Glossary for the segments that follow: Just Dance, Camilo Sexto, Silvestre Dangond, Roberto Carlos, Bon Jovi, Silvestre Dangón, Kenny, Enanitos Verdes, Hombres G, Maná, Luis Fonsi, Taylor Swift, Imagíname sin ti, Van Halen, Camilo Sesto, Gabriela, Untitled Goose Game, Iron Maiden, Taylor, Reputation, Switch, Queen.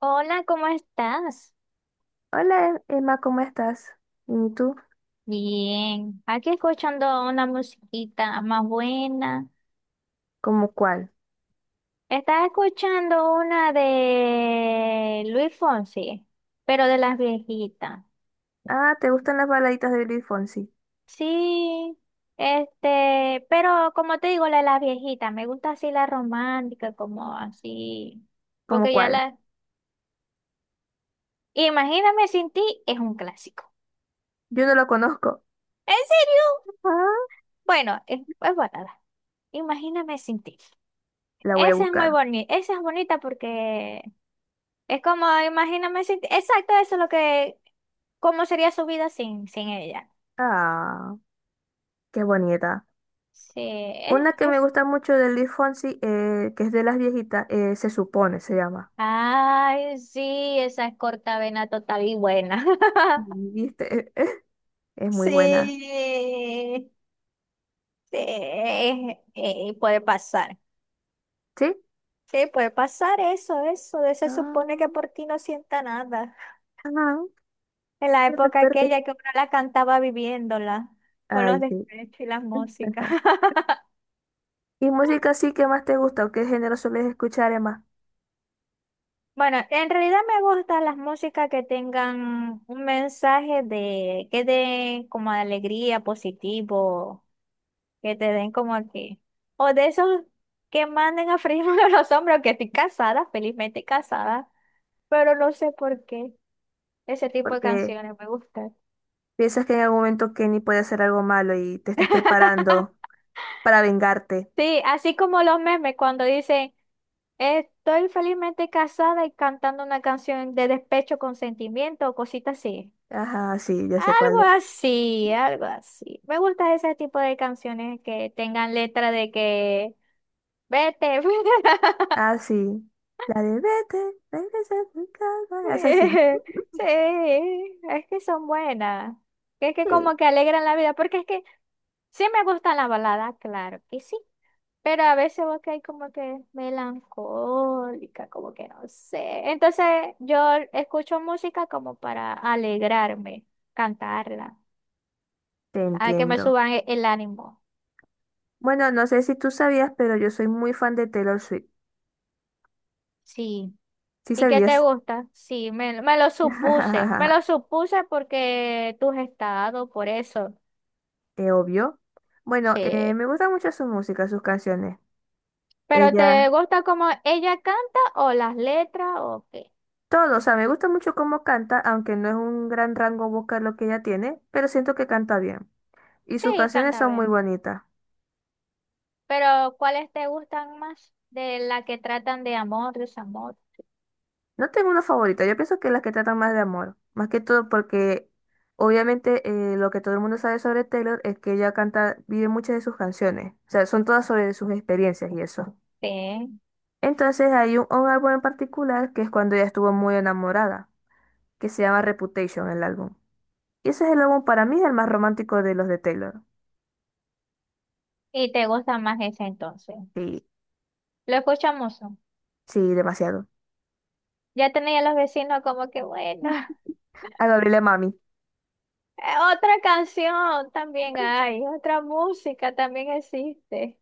Hola, ¿cómo estás? Hola Emma, ¿cómo estás? ¿Y tú? Bien, aquí escuchando una musiquita más buena. ¿Cómo cuál? Estaba escuchando una de Luis Fonsi, pero de las viejitas. Ah, ¿te gustan las baladitas de Luis Fonsi? Sí, pero como te digo, la de las viejitas, me gusta así la romántica, como así, ¿Cómo porque ya cuál? la... Imagíname sin ti es un clásico. Yo no lo conozco. ¿En serio? Ah, Bueno, es balada. Imagíname sin ti. la voy a Esa es muy buscar. bonita, esa es bonita porque es como, imagíname, exacto, eso es lo que, cómo sería su vida sin ella. Ah, qué bonita. Sí, es, Una que me es- gusta mucho de Luis Fonsi, que es de las viejitas, se supone, se llama. Ay, sí, esa es corta vena total y buena. ¿Viste? Es muy buena. Sí, sí, puede pasar. ¿Sí? Sí, puede pasar eso, de se supone Ah, que por ti no sienta nada. ah, En la no te época perdés. aquella que uno la cantaba viviéndola, con los Ay, sí. despechos y las músicas. ¿Y música sí que más te gusta o qué género sueles escuchar, Emma? Bueno, en realidad me gustan las músicas que tengan un mensaje de que den como de alegría, positivo, que te den como que, o de esos que manden a freírme los hombros, que estoy casada, felizmente casada, pero no sé por qué ese tipo de Porque canciones me gustan. piensas que en algún momento Kenny puede hacer algo malo y te estás preparando para vengarte. Sí, así como los memes cuando dicen, estoy felizmente casada y cantando una canción de despecho con sentimiento o cositas así. Ajá, sí, yo sé cuál Algo es. así, algo así. Me gusta ese tipo de canciones que tengan letra de que vete. Ah, sí. La de vete, regresa a tu casa. Es así. Sí, sí, es que son buenas. Que es que Sí, como que alegran la vida, porque es que sí me gustan las baladas, claro que sí. Pero a veces vos que hay como que melancólica, como que no sé. Entonces yo escucho música como para alegrarme, cantarla, te a que me entiendo. suban el ánimo. Bueno, no sé si tú sabías, pero yo soy muy fan de Taylor Swift. Sí. ¿Sí ¿Y qué te sabías? gusta? Sí, me lo supuse. Me lo supuse porque tú has estado, por eso. Es obvio. Bueno, Sí. me gusta mucho su música, sus canciones. ¿Pero te Ella, gusta cómo ella canta o las letras o qué? todo, o sea, me gusta mucho cómo canta, aunque no es un gran rango vocal lo que ella tiene, pero siento que canta bien. Y sus Sí, canciones canta son muy bien. bonitas. Pero ¿cuáles te gustan más? De la que tratan de amor, desamor. No tengo una favorita, yo pienso que las que tratan más de amor. Más que todo porque obviamente lo que todo el mundo sabe sobre Taylor es que ella canta, vive muchas de sus canciones. O sea, son todas sobre sus experiencias y eso. Sí. Entonces hay un álbum en particular que es cuando ella estuvo muy enamorada, que se llama Reputation el álbum. Y ese es el álbum para mí el más romántico de los de Taylor. ¿Y te gusta más esa entonces? Sí, Lo escuchamos, ¿no? sí, demasiado. Ya tenía los vecinos como que bueno. A Gabriela Mami. Otra canción también hay, otra música también existe.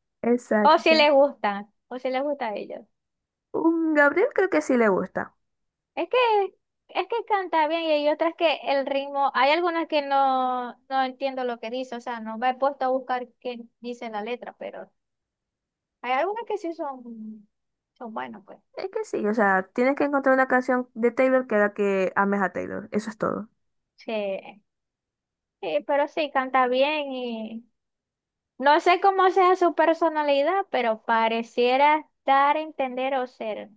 O si Exacto. les gusta, o si les gusta a ellos. Un Gabriel creo que sí le gusta. Es que, es que canta bien y hay otras que el ritmo, hay algunas que no entiendo lo que dice, o sea, no me he puesto a buscar qué dice la letra, pero hay algunas que sí son buenas, pues. Es que sí, o sea, tienes que encontrar una canción de Taylor que haga que ames a Taylor. Eso es todo. Sí, sí, pero sí, canta bien y no sé cómo sea su personalidad, pero pareciera dar a entender o ser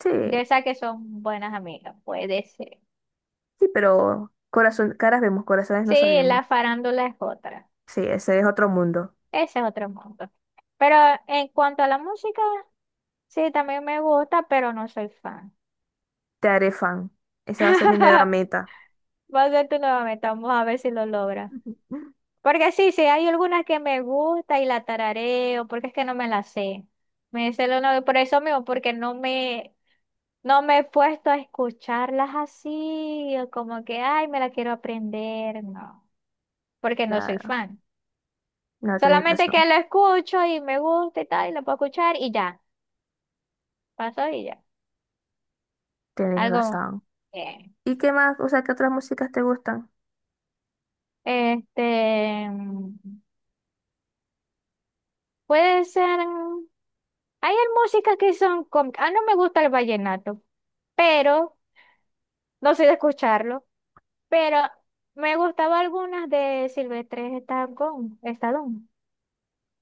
Sí, de esas que son buenas amigas, puede ser. sí, pero corazón, caras vemos, corazones no Sí, sabemos. la farándula es otra. Sí, ese es otro mundo. Ese es otro mundo. Pero en cuanto a la música, sí, también me gusta, pero no soy fan. Te haré fan. Esa va a ser mi nueva meta. Va a ser tu nuevamente, vamos a ver si lo logra. Porque sí, sí, hay algunas que me gusta y la tarareo, porque es que no me la sé. Me sé lo no, por eso mismo, porque no no me he puesto a escucharlas así, o como que, ay, me la quiero aprender, no, porque no soy Claro, fan. no, tenés Solamente que razón. lo escucho y me gusta y tal, y lo puedo escuchar y ya, pasó y ya. Tenés Algo, razón. bien. ¿Y qué más? O sea, ¿qué otras músicas te gustan? este, mm, Puede ser, hay músicas que son, no me gusta el vallenato, pero, no soy de escucharlo, pero me gustaba algunas de Silvestre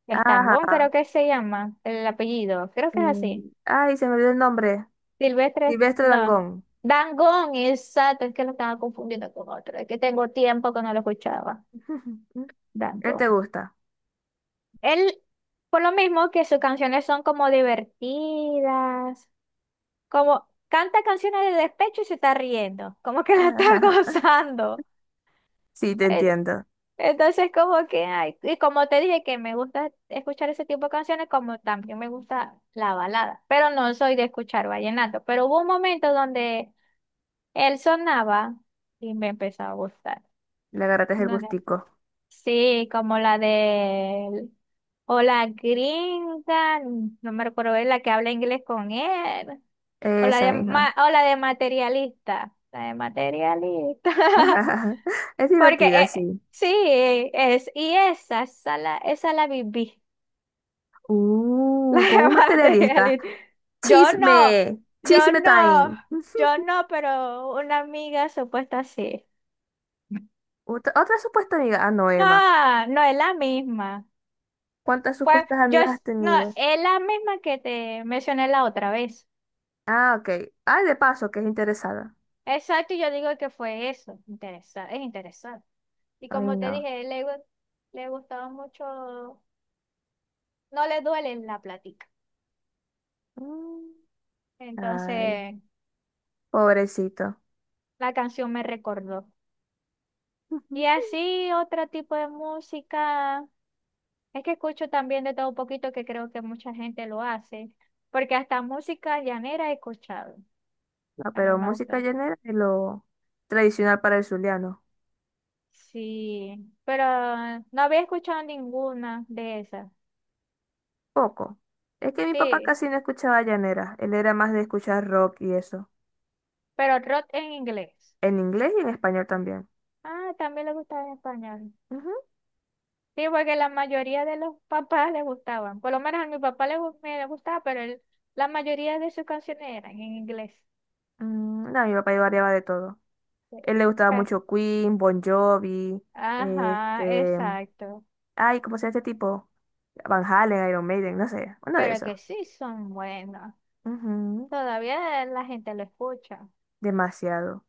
Estangón Ajá. creo que se llama el apellido, creo que es así, mm, Ay, se me olvidó el nombre. Silvestre, Silvestre no, Dangond. Dangón, exacto, es que lo estaba confundiendo con otro, es que tengo tiempo que no lo escuchaba, Él Dangón. te gusta. Él, por lo mismo que sus canciones son como divertidas, como canta canciones de despecho y se está riendo, como que la está Ajá. gozando. Sí, te Eh, entiendo. Entonces, como que, ay, y como te dije que me gusta escuchar ese tipo de canciones, como también me gusta la balada, pero no soy de escuchar vallenato, pero hubo un momento donde él sonaba y me empezó a gustar. Le agarraste el gustico. Sí, como la de o la gringa, no me recuerdo, es la que habla inglés con él, o la Esa de misma. O la de materialista, la de materialista. Es Porque divertida, sí. sí, es y esa esa la viví, la Con un de materialista. materialista. Yo no, Chisme, yo chisme no, time. yo no, pero una amiga supuesta sí. Otra, otra supuesta amiga. Ah, no, Emma. No, no es la misma. ¿Cuántas Pues supuestas yo, amigas has no, tenido? es la misma que te mencioné la otra vez. Ah, ok. Ay, de paso, que es interesada. Exacto, y yo digo que fue eso. Es interesante. Y Ay, como te no. dije, le gustaba mucho, no le duele la plática. Mm, ay, Entonces, pobrecito. la canción me recordó. Y así, otro tipo de música. Es que escucho también de todo un poquito que creo que mucha gente lo hace. Porque hasta música llanera he escuchado. No, También pero me música gusta. llanera es lo tradicional para el zuliano. Sí, pero no había escuchado ninguna de esas. Poco. Es que mi papá Sí, casi no escuchaba llanera. Él era más de escuchar rock y eso. pero rock en inglés. En inglés y en español también. Ah, también le gustaba en español. Ujú. Sí, porque la mayoría de los papás le gustaban. Por lo menos a mi papá me le gustaba, pero la mayoría de sus canciones eran en inglés. Mm, no, mi papá iba variaba de todo. Sí. Él le gustaba Ja. mucho Queen, Bon Jovi, Ajá, este, exacto. ay, ¿cómo se llama este tipo? Van Halen, Iron Maiden, no sé, uno de Pero esos. que sí son buenos. Ujú, Todavía la gente lo escucha. demasiado.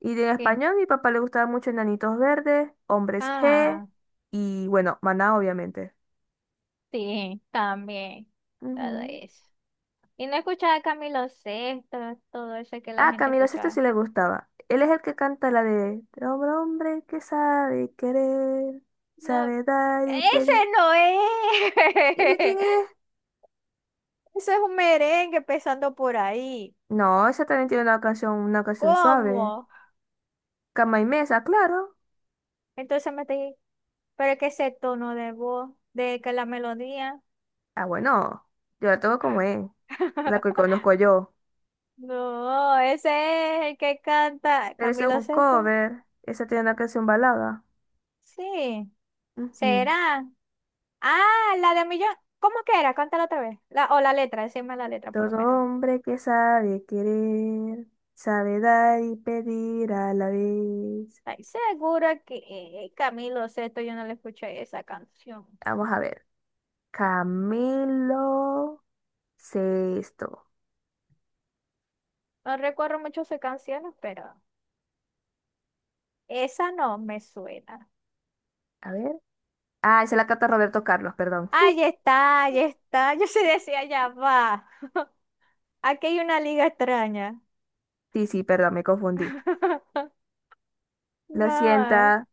Y de Sí. español, mi papá le gustaba mucho Enanitos Verdes, Hombres G Ah, y bueno, Maná, obviamente. sí, también. Todo Ujú. eso. Y no escuchaba a Camilo Sesto, todo eso que la Ah, gente Camilo esto escuchaba. sí le gustaba. Él es el que canta la de hombre, hombre que sabe querer, No, sabe dar y pedir. ese no ¿Y ese quién es. es? Eso es un merengue empezando por ahí. No, esa también tiene una canción suave. ¿Cómo? Cama y mesa, claro. Entonces me dije, pero es que ese tono de voz, de que la melodía. Ah, bueno, yo la tengo como es, la que conozco yo. No, ese es el que canta Pero ese es Camilo un Sesto. cover, esa tiene una canción balada. Sí, Ujú. será. Ah, la de Millón. ¿Cómo que era? Cántala otra vez. O la letra, decime la letra por lo Todo menos. hombre que sabe querer, sabe dar y pedir a la vez. Ay, segura que Camilo Sesto yo no le escuché esa canción. Vamos a ver. Camilo Sexto. No recuerdo mucho sus canciones, pero esa no me suena. A ver. Ah, esa la canta Roberto Carlos, perdón. Ahí está, ahí está. Yo se decía, ya va. Aquí hay una liga extraña. Sí, sí, perdón, me confundí. Lo No, siento.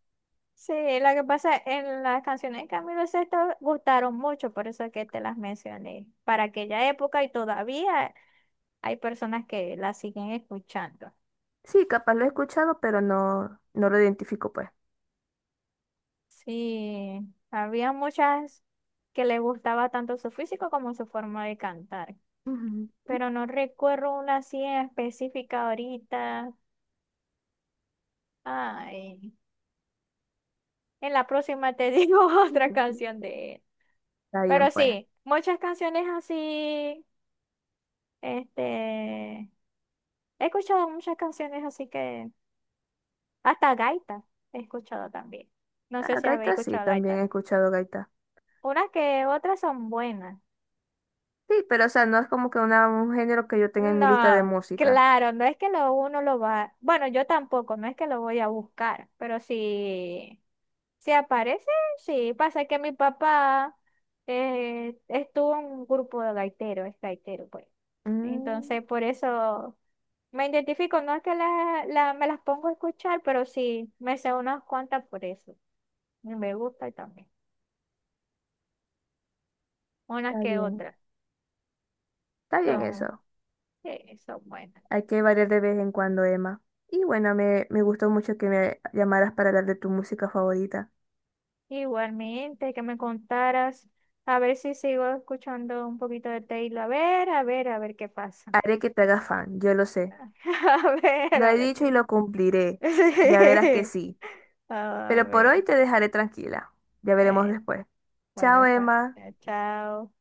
sí, lo que pasa en las canciones de Camilo Sesto gustaron mucho, por eso es que te las mencioné. Para aquella época y todavía hay personas que las siguen escuchando. Sí, capaz lo he escuchado, pero no, no lo identifico, pues. Sí, había muchas que le gustaba tanto su físico como su forma de cantar, Ujú, pero no recuerdo una así en específica ahorita. Ay, en la próxima te digo otra ujú. canción de él. Está bien, Pero pues. sí, muchas canciones así, este, he escuchado muchas canciones así que, hasta gaita he escuchado también. No sé Ah, si habéis gaita sí, escuchado también he gaita. escuchado gaita. Unas que otras son buenas. Sí, pero o sea, no es como que una, un género que yo tenga en mi lista de No, música. claro, no es que lo uno lo va, bueno, yo tampoco, no es que lo voy a buscar, pero si, si aparece, sí, pasa que mi papá estuvo en un grupo de gaiteros, es gaitero, pues. Mm, Entonces, por eso me identifico, no es que me las pongo a escuchar, pero sí, me sé unas cuantas por eso. Y me gusta también, unas está que bien. otras, Está bien son, eso. sí, son buenas. Hay que variar de vez en cuando, Emma. Y bueno, me gustó mucho que me llamaras para hablar de tu música favorita. Igualmente, que me contaras, a ver si sigo escuchando un poquito de Taylor, a ver, a ver, a ver qué pasa. Haré que te hagas fan, yo lo sé. Lo he a ver dicho y qué lo cumpliré. Ya verás que sí. pasa. A Pero por hoy ver, te dejaré tranquila. Ya veremos eh, después. bueno, Chao, está Emma. bien. Chao.